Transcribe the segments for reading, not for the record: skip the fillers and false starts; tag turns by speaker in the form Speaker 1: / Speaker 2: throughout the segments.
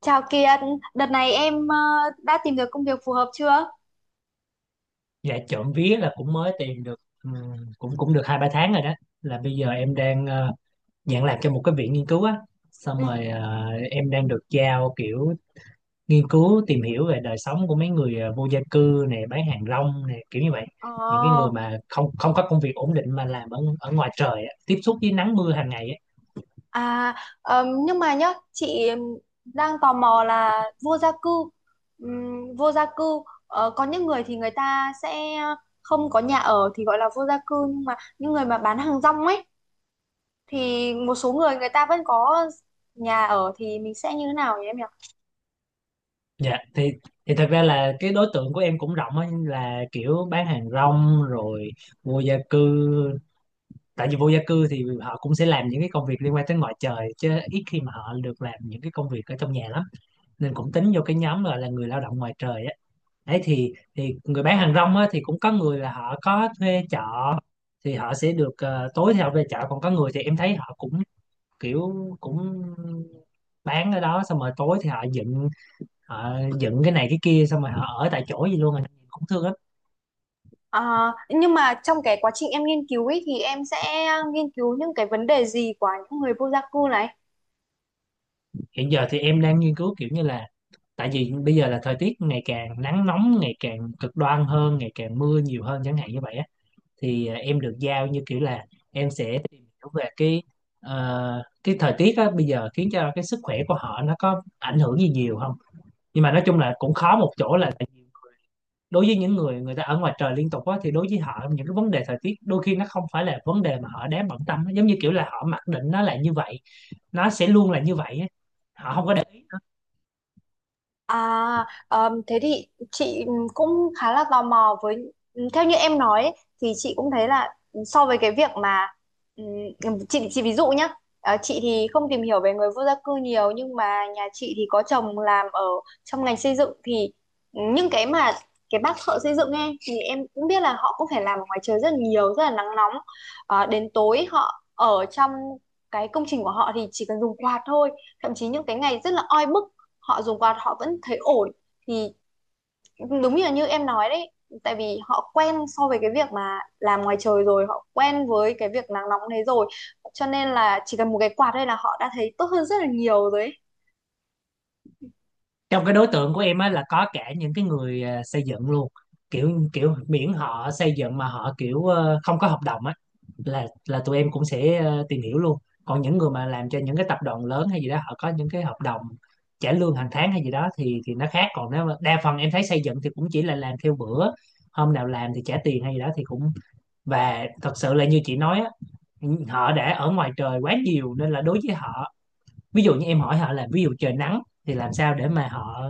Speaker 1: Chào Kiệt, đợt này em đã tìm được công việc phù hợp chưa?
Speaker 2: Dạ trộm vía là cũng mới tìm được cũng cũng được 2-3 tháng rồi đó. Là bây giờ em đang nhận làm cho một cái viện nghiên cứu á. Xong
Speaker 1: Ừ.
Speaker 2: rồi em đang được giao kiểu nghiên cứu tìm hiểu về đời sống của mấy người vô gia cư này, bán hàng rong này, kiểu như vậy.
Speaker 1: Ồ,
Speaker 2: Những cái người mà không không có công việc ổn định mà làm ở ở ngoài trời á, tiếp xúc với nắng mưa hàng ngày á.
Speaker 1: à, nhưng mà nhá, chị đang tò mò là vô gia cư. Vô gia cư, có những người thì người ta sẽ không có nhà ở thì gọi là vô gia cư, nhưng mà những người mà bán hàng rong ấy, thì một số người người ta vẫn có nhà ở thì mình sẽ như thế nào nhỉ em nhỉ?
Speaker 2: Dạ thì, thật ra là cái đối tượng của em cũng rộng á, là kiểu bán hàng rong rồi vô gia cư. Tại vì vô gia cư thì họ cũng sẽ làm những cái công việc liên quan tới ngoài trời, chứ ít khi mà họ được làm những cái công việc ở trong nhà lắm. Nên cũng tính vô cái nhóm gọi là người lao động ngoài trời á. Đấy thì, người bán hàng rong á thì cũng có người là họ có thuê trọ, thì họ sẽ được tối thì họ về trọ, còn có người thì em thấy họ cũng kiểu, cũng bán ở đó xong rồi tối thì họ dựng, họ dựng cái này cái kia xong rồi họ ở tại chỗ gì luôn à. Cũng thương lắm.
Speaker 1: À, nhưng mà trong cái quá trình em nghiên cứu ấy thì em sẽ nghiên cứu những cái vấn đề gì của những người vô gia cư này?
Speaker 2: Hiện giờ thì em đang nghiên cứu kiểu như là, tại vì bây giờ là thời tiết ngày càng nắng nóng, ngày càng cực đoan hơn, ngày càng mưa nhiều hơn chẳng hạn, như vậy á. Thì em được giao như kiểu là em sẽ tìm hiểu về cái, cái thời tiết á bây giờ khiến cho cái sức khỏe của họ nó có ảnh hưởng gì nhiều không. Nhưng mà nói chung là cũng khó một chỗ, là tại vì đối với những người, người ta ở ngoài trời liên tục á, thì đối với họ những cái vấn đề thời tiết đôi khi nó không phải là vấn đề mà họ đáng bận tâm á. Giống như kiểu là họ mặc định nó là như vậy, nó sẽ luôn là như vậy á, họ không có để ý.
Speaker 1: À, thế thì chị cũng khá là tò mò với theo như em nói ấy, thì chị cũng thấy là so với cái việc mà chị ví dụ nhá. Chị thì không tìm hiểu về người vô gia cư nhiều nhưng mà nhà chị thì có chồng làm ở trong ngành xây dựng thì những cái mà cái bác thợ xây dựng ấy thì em cũng biết là họ cũng phải làm ở ngoài trời rất là nhiều rất là nắng nóng. Đến tối họ ở trong cái công trình của họ thì chỉ cần dùng quạt thôi, thậm chí những cái ngày rất là oi bức họ dùng quạt họ vẫn thấy ổn thì đúng như là như em nói đấy, tại vì họ quen so với cái việc mà làm ngoài trời rồi, họ quen với cái việc nắng nóng đấy rồi cho nên là chỉ cần một cái quạt đây là họ đã thấy tốt hơn rất là nhiều rồi ấy.
Speaker 2: Trong cái đối tượng của em á là có cả những cái người xây dựng luôn, kiểu kiểu miễn họ xây dựng mà họ kiểu không có hợp đồng á, là tụi em cũng sẽ tìm hiểu luôn. Còn những người mà làm cho những cái tập đoàn lớn hay gì đó, họ có những cái hợp đồng trả lương hàng tháng hay gì đó, thì nó khác. Còn nếu mà đa phần em thấy xây dựng thì cũng chỉ là làm theo bữa, hôm nào làm thì trả tiền hay gì đó thì cũng. Và thật sự là như chị nói á, họ đã ở ngoài trời quá nhiều nên là đối với họ, ví dụ như em hỏi họ là, ví dụ trời nắng thì làm sao để mà họ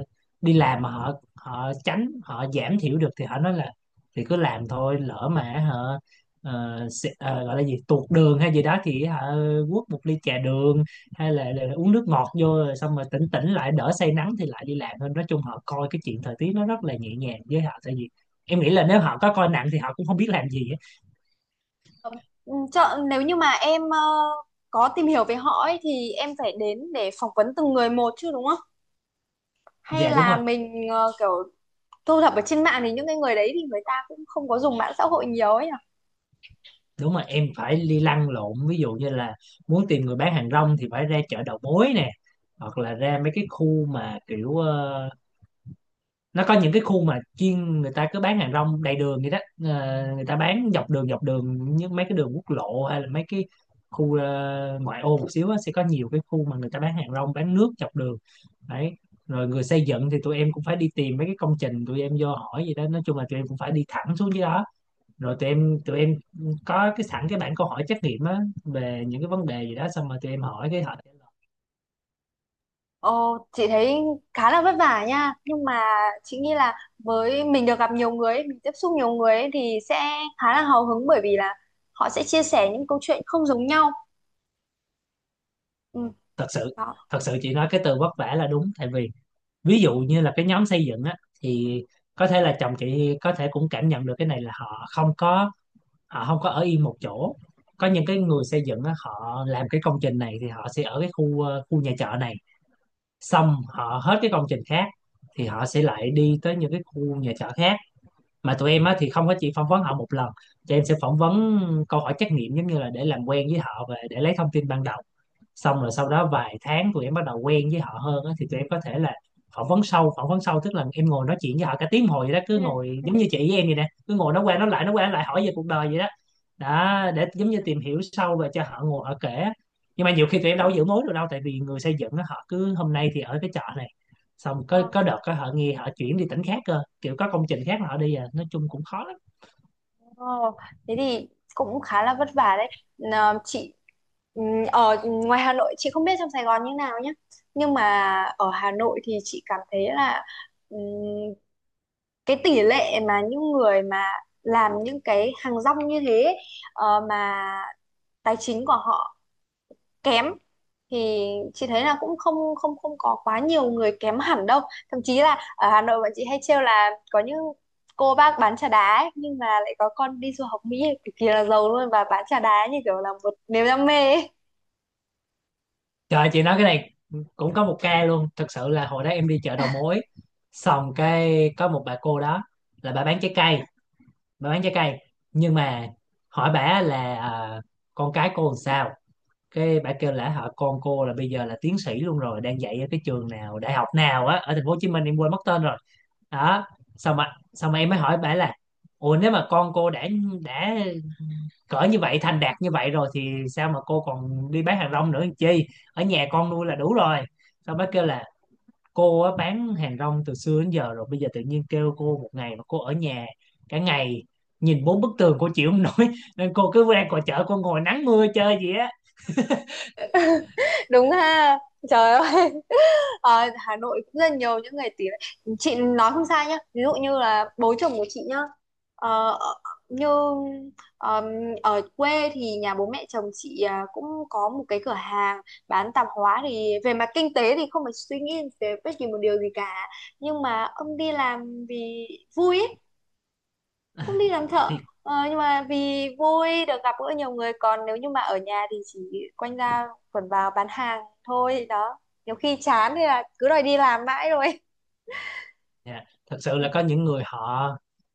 Speaker 2: đi làm mà họ họ tránh, họ giảm thiểu được, thì họ nói là, thì cứ làm thôi, lỡ mà họ gọi là gì tuột đường hay gì đó thì họ quất một ly trà đường, hay là uống nước ngọt vô rồi xong rồi tỉnh tỉnh lại đỡ say nắng thì lại đi làm thôi. Nói chung họ coi cái chuyện thời tiết nó rất là nhẹ nhàng với họ, tại vì em nghĩ là nếu họ có coi nặng thì họ cũng không biết làm gì á.
Speaker 1: Ừ, Chợ, nếu như mà em có tìm hiểu về họ ấy thì em phải đến để phỏng vấn từng người một chứ đúng không? Hay
Speaker 2: Dạ đúng
Speaker 1: là
Speaker 2: rồi.
Speaker 1: mình kiểu thu thập ở trên mạng thì những cái người đấy thì người ta cũng không có dùng mạng xã hội nhiều ấy nhỉ?
Speaker 2: Đúng mà em phải đi lăn lộn, ví dụ như là muốn tìm người bán hàng rong thì phải ra chợ đầu mối nè, hoặc là ra mấy cái khu mà kiểu nó có những cái khu mà chuyên người ta cứ bán hàng rong đầy đường vậy đó. Người ta bán dọc đường, dọc đường như mấy cái đường quốc lộ, hay là mấy cái khu ngoại ô một xíu á, sẽ có nhiều cái khu mà người ta bán hàng rong, bán nước dọc đường. Đấy, rồi người xây dựng thì tụi em cũng phải đi tìm mấy cái công trình, tụi em vô hỏi gì đó, nói chung là tụi em cũng phải đi thẳng xuống dưới đó. Rồi tụi em có cái sẵn cái bảng câu hỏi trắc nghiệm á về những cái vấn đề gì đó, xong rồi tụi em hỏi cái họ trả lời.
Speaker 1: Ồ, chị thấy khá là vất vả nha, nhưng mà chị nghĩ là với mình được gặp nhiều người ấy, mình tiếp xúc nhiều người ấy, thì sẽ khá là hào hứng bởi vì là họ sẽ chia sẻ những câu chuyện không giống nhau. Ừ,
Speaker 2: Thật sự,
Speaker 1: đó.
Speaker 2: thật sự chị nói cái từ vất vả là đúng, tại vì ví dụ như là cái nhóm xây dựng á, thì có thể là chồng chị có thể cũng cảm nhận được cái này là họ không có ở yên một chỗ. Có những cái người xây dựng á, họ làm cái công trình này thì họ sẽ ở cái khu khu nhà trọ này, xong họ hết cái công trình khác thì họ sẽ lại đi tới những cái khu nhà trọ khác. Mà tụi em á thì không có chỉ phỏng vấn họ một lần, tụi em sẽ phỏng vấn câu hỏi trắc nghiệm giống như là để làm quen với họ và để lấy thông tin ban đầu. Xong rồi sau đó vài tháng tụi em bắt đầu quen với họ hơn á, thì tụi em có thể là phỏng vấn sâu. Phỏng vấn sâu tức là em ngồi nói chuyện với họ cả tiếng hồi vậy đó, cứ
Speaker 1: Ừ.
Speaker 2: ngồi giống như chị với em vậy nè, cứ ngồi nói qua nói lại, nói qua nói lại, hỏi về cuộc đời vậy đó. Đó, để giống như tìm hiểu sâu và cho họ ngồi họ kể. Nhưng mà nhiều khi tụi em đâu có giữ mối được đâu, tại vì người xây dựng á, họ cứ hôm nay thì ở cái chợ này, xong
Speaker 1: Ừ.
Speaker 2: có đợt có họ nghe họ chuyển đi tỉnh khác cơ, kiểu có công trình khác mà họ đi à, nói chung cũng khó.
Speaker 1: Ồ, thế thì cũng khá là vất vả đấy. Nà, chị ừ, ở ngoài Hà Nội chị không biết trong Sài Gòn như nào nhé, nhưng mà ở Hà Nội thì chị cảm thấy là ừ, cái tỷ lệ mà những người mà làm những cái hàng rong như thế ấy, mà tài chính của họ kém thì chị thấy là cũng không không không có quá nhiều người kém hẳn đâu, thậm chí là ở Hà Nội bọn chị hay trêu là có những cô bác bán trà đá ấy, nhưng mà lại có con đi du học Mỹ cực kỳ là giàu luôn và bán trà đá như kiểu là một niềm đam mê ấy.
Speaker 2: Trời, chị nói cái này cũng có một ca luôn. Thật sự là hồi đó em đi chợ đầu mối, xong cái có một bà cô đó. Là bà bán trái cây, bà bán trái cây. Nhưng mà hỏi bà là, con cái cô làm sao. Cái bà kêu là họ, con cô là bây giờ là tiến sĩ luôn rồi, đang dạy ở cái trường nào, đại học nào á, ở thành phố Hồ Chí Minh em quên mất tên rồi. Đó. Xong mà em mới hỏi bà là, ủa nếu mà con cô đã cỡ như vậy, thành đạt như vậy rồi thì sao mà cô còn đi bán hàng rong nữa làm chi, ở nhà con nuôi là đủ rồi. Xong bác kêu là, cô á, bán hàng rong từ xưa đến giờ rồi, bây giờ tự nhiên kêu cô một ngày mà cô ở nhà cả ngày, nhìn bốn bức tường cô chịu không nổi nên cô cứ ra ngoài chợ cô ngồi nắng mưa chơi gì á
Speaker 1: Đúng ha, trời ơi. Ờ, Hà Nội cũng rất nhiều những người, tiếng chị nói không sai nhá, ví dụ như là bố chồng của chị nhá, ờ, ở- như ờm, ở quê thì nhà bố mẹ chồng chị cũng có một cái cửa hàng bán tạp hóa thì về mặt kinh tế thì không phải suy nghĩ về bất kỳ một điều gì cả, nhưng mà ông đi làm vì vui ý,
Speaker 2: À,
Speaker 1: không đi làm thợ.
Speaker 2: thì
Speaker 1: Nhưng mà vì vui được gặp gỡ nhiều người, còn nếu như mà ở nhà thì chỉ quanh ra quẩn vào bán hàng thôi đó, nhiều khi chán thì là cứ đòi đi làm mãi rồi.
Speaker 2: Dạ, thật sự
Speaker 1: Ừ.
Speaker 2: là có những người họ,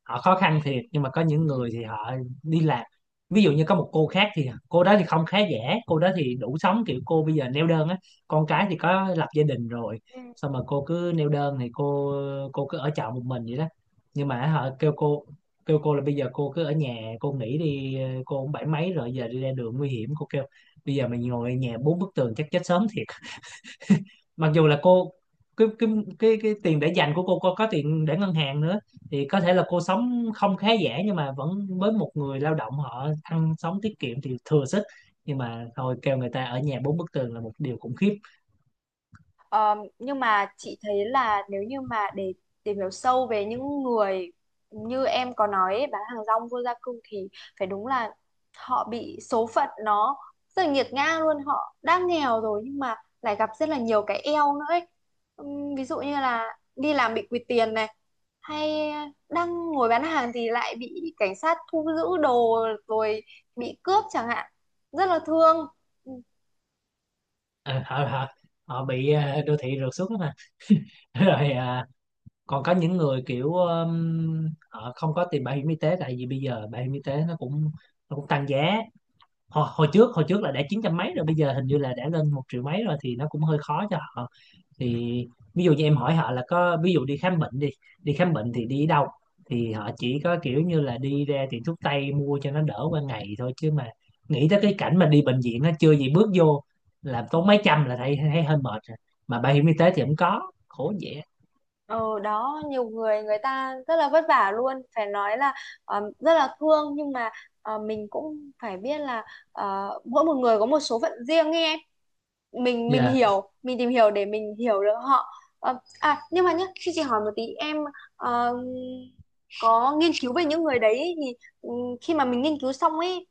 Speaker 2: khó khăn thiệt nhưng mà có những
Speaker 1: Ừ,
Speaker 2: người thì họ đi làm. Ví dụ như có một cô khác, thì cô đó thì không khá giả, cô đó thì đủ sống, kiểu cô bây giờ neo đơn á, con
Speaker 1: ừ,
Speaker 2: cái thì có lập gia đình rồi.
Speaker 1: ừ,
Speaker 2: Xong mà cô cứ neo đơn thì cô cứ ở trọ một mình vậy đó. Nhưng
Speaker 1: ừ.
Speaker 2: mà họ kêu cô là bây giờ cô cứ ở nhà cô nghỉ đi, cô cũng bảy mấy rồi, giờ đi ra đường nguy hiểm, cô kêu, bây giờ mày ngồi ở nhà bốn bức tường chắc chết sớm thiệt. Mặc dù là cô, cái cái cái tiền để dành của cô có tiền để ngân hàng nữa, thì có thể là cô sống không khá giả nhưng mà vẫn, với một người lao động họ ăn sống tiết kiệm thì thừa sức. Nhưng mà thôi, kêu người ta ở nhà bốn bức tường là một điều khủng khiếp.
Speaker 1: Ờ, nhưng mà chị thấy là nếu như mà để tìm hiểu sâu về những người như em có nói ấy, bán hàng rong vô gia cư, thì phải đúng là họ bị số phận nó rất là nghiệt ngã luôn, họ đã nghèo rồi nhưng mà lại gặp rất là nhiều cái eo nữa ấy. Ví dụ như là đi làm bị quỵt tiền này, hay đang ngồi bán hàng thì lại bị cảnh sát thu giữ đồ, rồi bị cướp chẳng hạn, rất là thương.
Speaker 2: Ờ, họ họ họ bị đô thị rượt xuống đó mà rồi còn có những người kiểu họ không có tiền bảo hiểm y tế, tại vì bây giờ bảo hiểm y tế nó cũng tăng giá. Hồi trước là đã chín trăm mấy rồi, bây giờ hình như là đã lên một triệu mấy rồi, thì nó cũng hơi khó cho họ. Thì ví dụ như em hỏi họ là, có ví dụ đi khám bệnh đi đi khám bệnh thì đi đâu. Thì họ chỉ có kiểu như là đi ra tiệm thuốc tây mua cho nó đỡ qua ngày thôi, chứ mà nghĩ tới cái cảnh mà đi bệnh viện, nó chưa gì bước vô làm tốn mấy trăm là thấy thấy hơi mệt rồi. Mà bảo hiểm y tế thì không có, khổ vậy.
Speaker 1: Ờ đó nhiều người người ta rất là vất vả luôn, phải nói là rất là thương, nhưng mà mình cũng phải biết là mỗi một người có một số phận riêng ấy em, mình
Speaker 2: Dạ
Speaker 1: hiểu, mình tìm hiểu để mình hiểu được họ. À nhưng mà nhá khi chị hỏi một tí em ờ, có nghiên cứu về những người đấy ấy, thì ừ, khi mà mình nghiên cứu xong ấy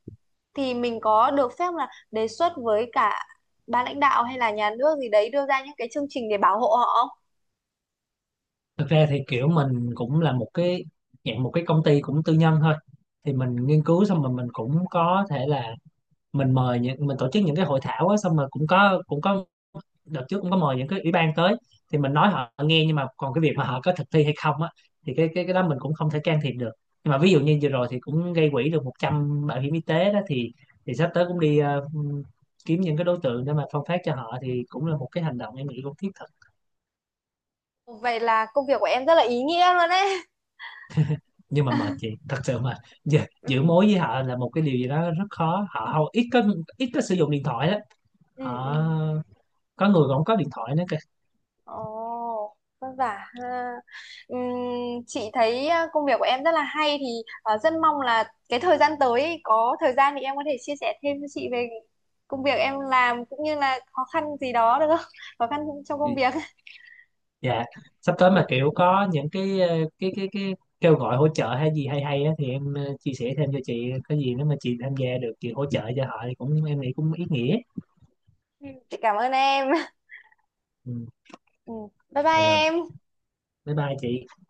Speaker 1: thì mình có được phép là đề xuất với cả ban lãnh đạo hay là nhà nước gì đấy đưa ra những cái chương trình để bảo hộ họ?
Speaker 2: thực ra thì kiểu mình cũng là một cái dạng một cái công ty cũng tư nhân thôi, thì mình nghiên cứu xong rồi mình cũng có thể là mình mời những, mình tổ chức những cái hội thảo á, xong rồi cũng có đợt trước cũng có mời những cái ủy ban tới. Thì mình nói họ nghe, nhưng mà còn cái việc mà họ có thực thi hay không á, thì cái đó mình cũng không thể can thiệp được. Nhưng mà ví dụ như vừa rồi thì cũng gây quỹ được 100 bảo hiểm y tế đó, thì sắp tới cũng đi kiếm những cái đối tượng để mà phân phát cho họ, thì cũng là một cái hành động em nghĩ cũng thiết thực.
Speaker 1: Vậy là công việc của em rất là ý nghĩa luôn đấy.
Speaker 2: Nhưng mà mệt chị thật sự mà, giữ,
Speaker 1: Ừ,
Speaker 2: giữ mối với họ là một cái điều gì đó rất khó, họ hầu ít có sử dụng điện thoại đó.
Speaker 1: ừ, ừ.
Speaker 2: Họ, có người còn không có điện thoại nữa
Speaker 1: Ồ, vất vả ha. Ừm, chị thấy công việc của em rất là hay thì rất mong là cái thời gian tới ấy, có thời gian thì em có thể chia sẻ thêm với chị về công việc em làm cũng như là khó khăn gì đó được không? Khó khăn trong công
Speaker 2: kìa.
Speaker 1: việc.
Speaker 2: Dạ, sắp tới mà kiểu có những cái cái kêu gọi hỗ trợ hay gì, hay hay á, thì em chia sẻ thêm cho chị có gì, nếu mà chị tham gia được chị hỗ trợ cho họ thì cũng em nghĩ cũng ý nghĩa.
Speaker 1: Ừ, chị cảm ơn em.
Speaker 2: Ừ,
Speaker 1: Ừ, bye
Speaker 2: dạ rồi,
Speaker 1: bye em.
Speaker 2: bye bye chị.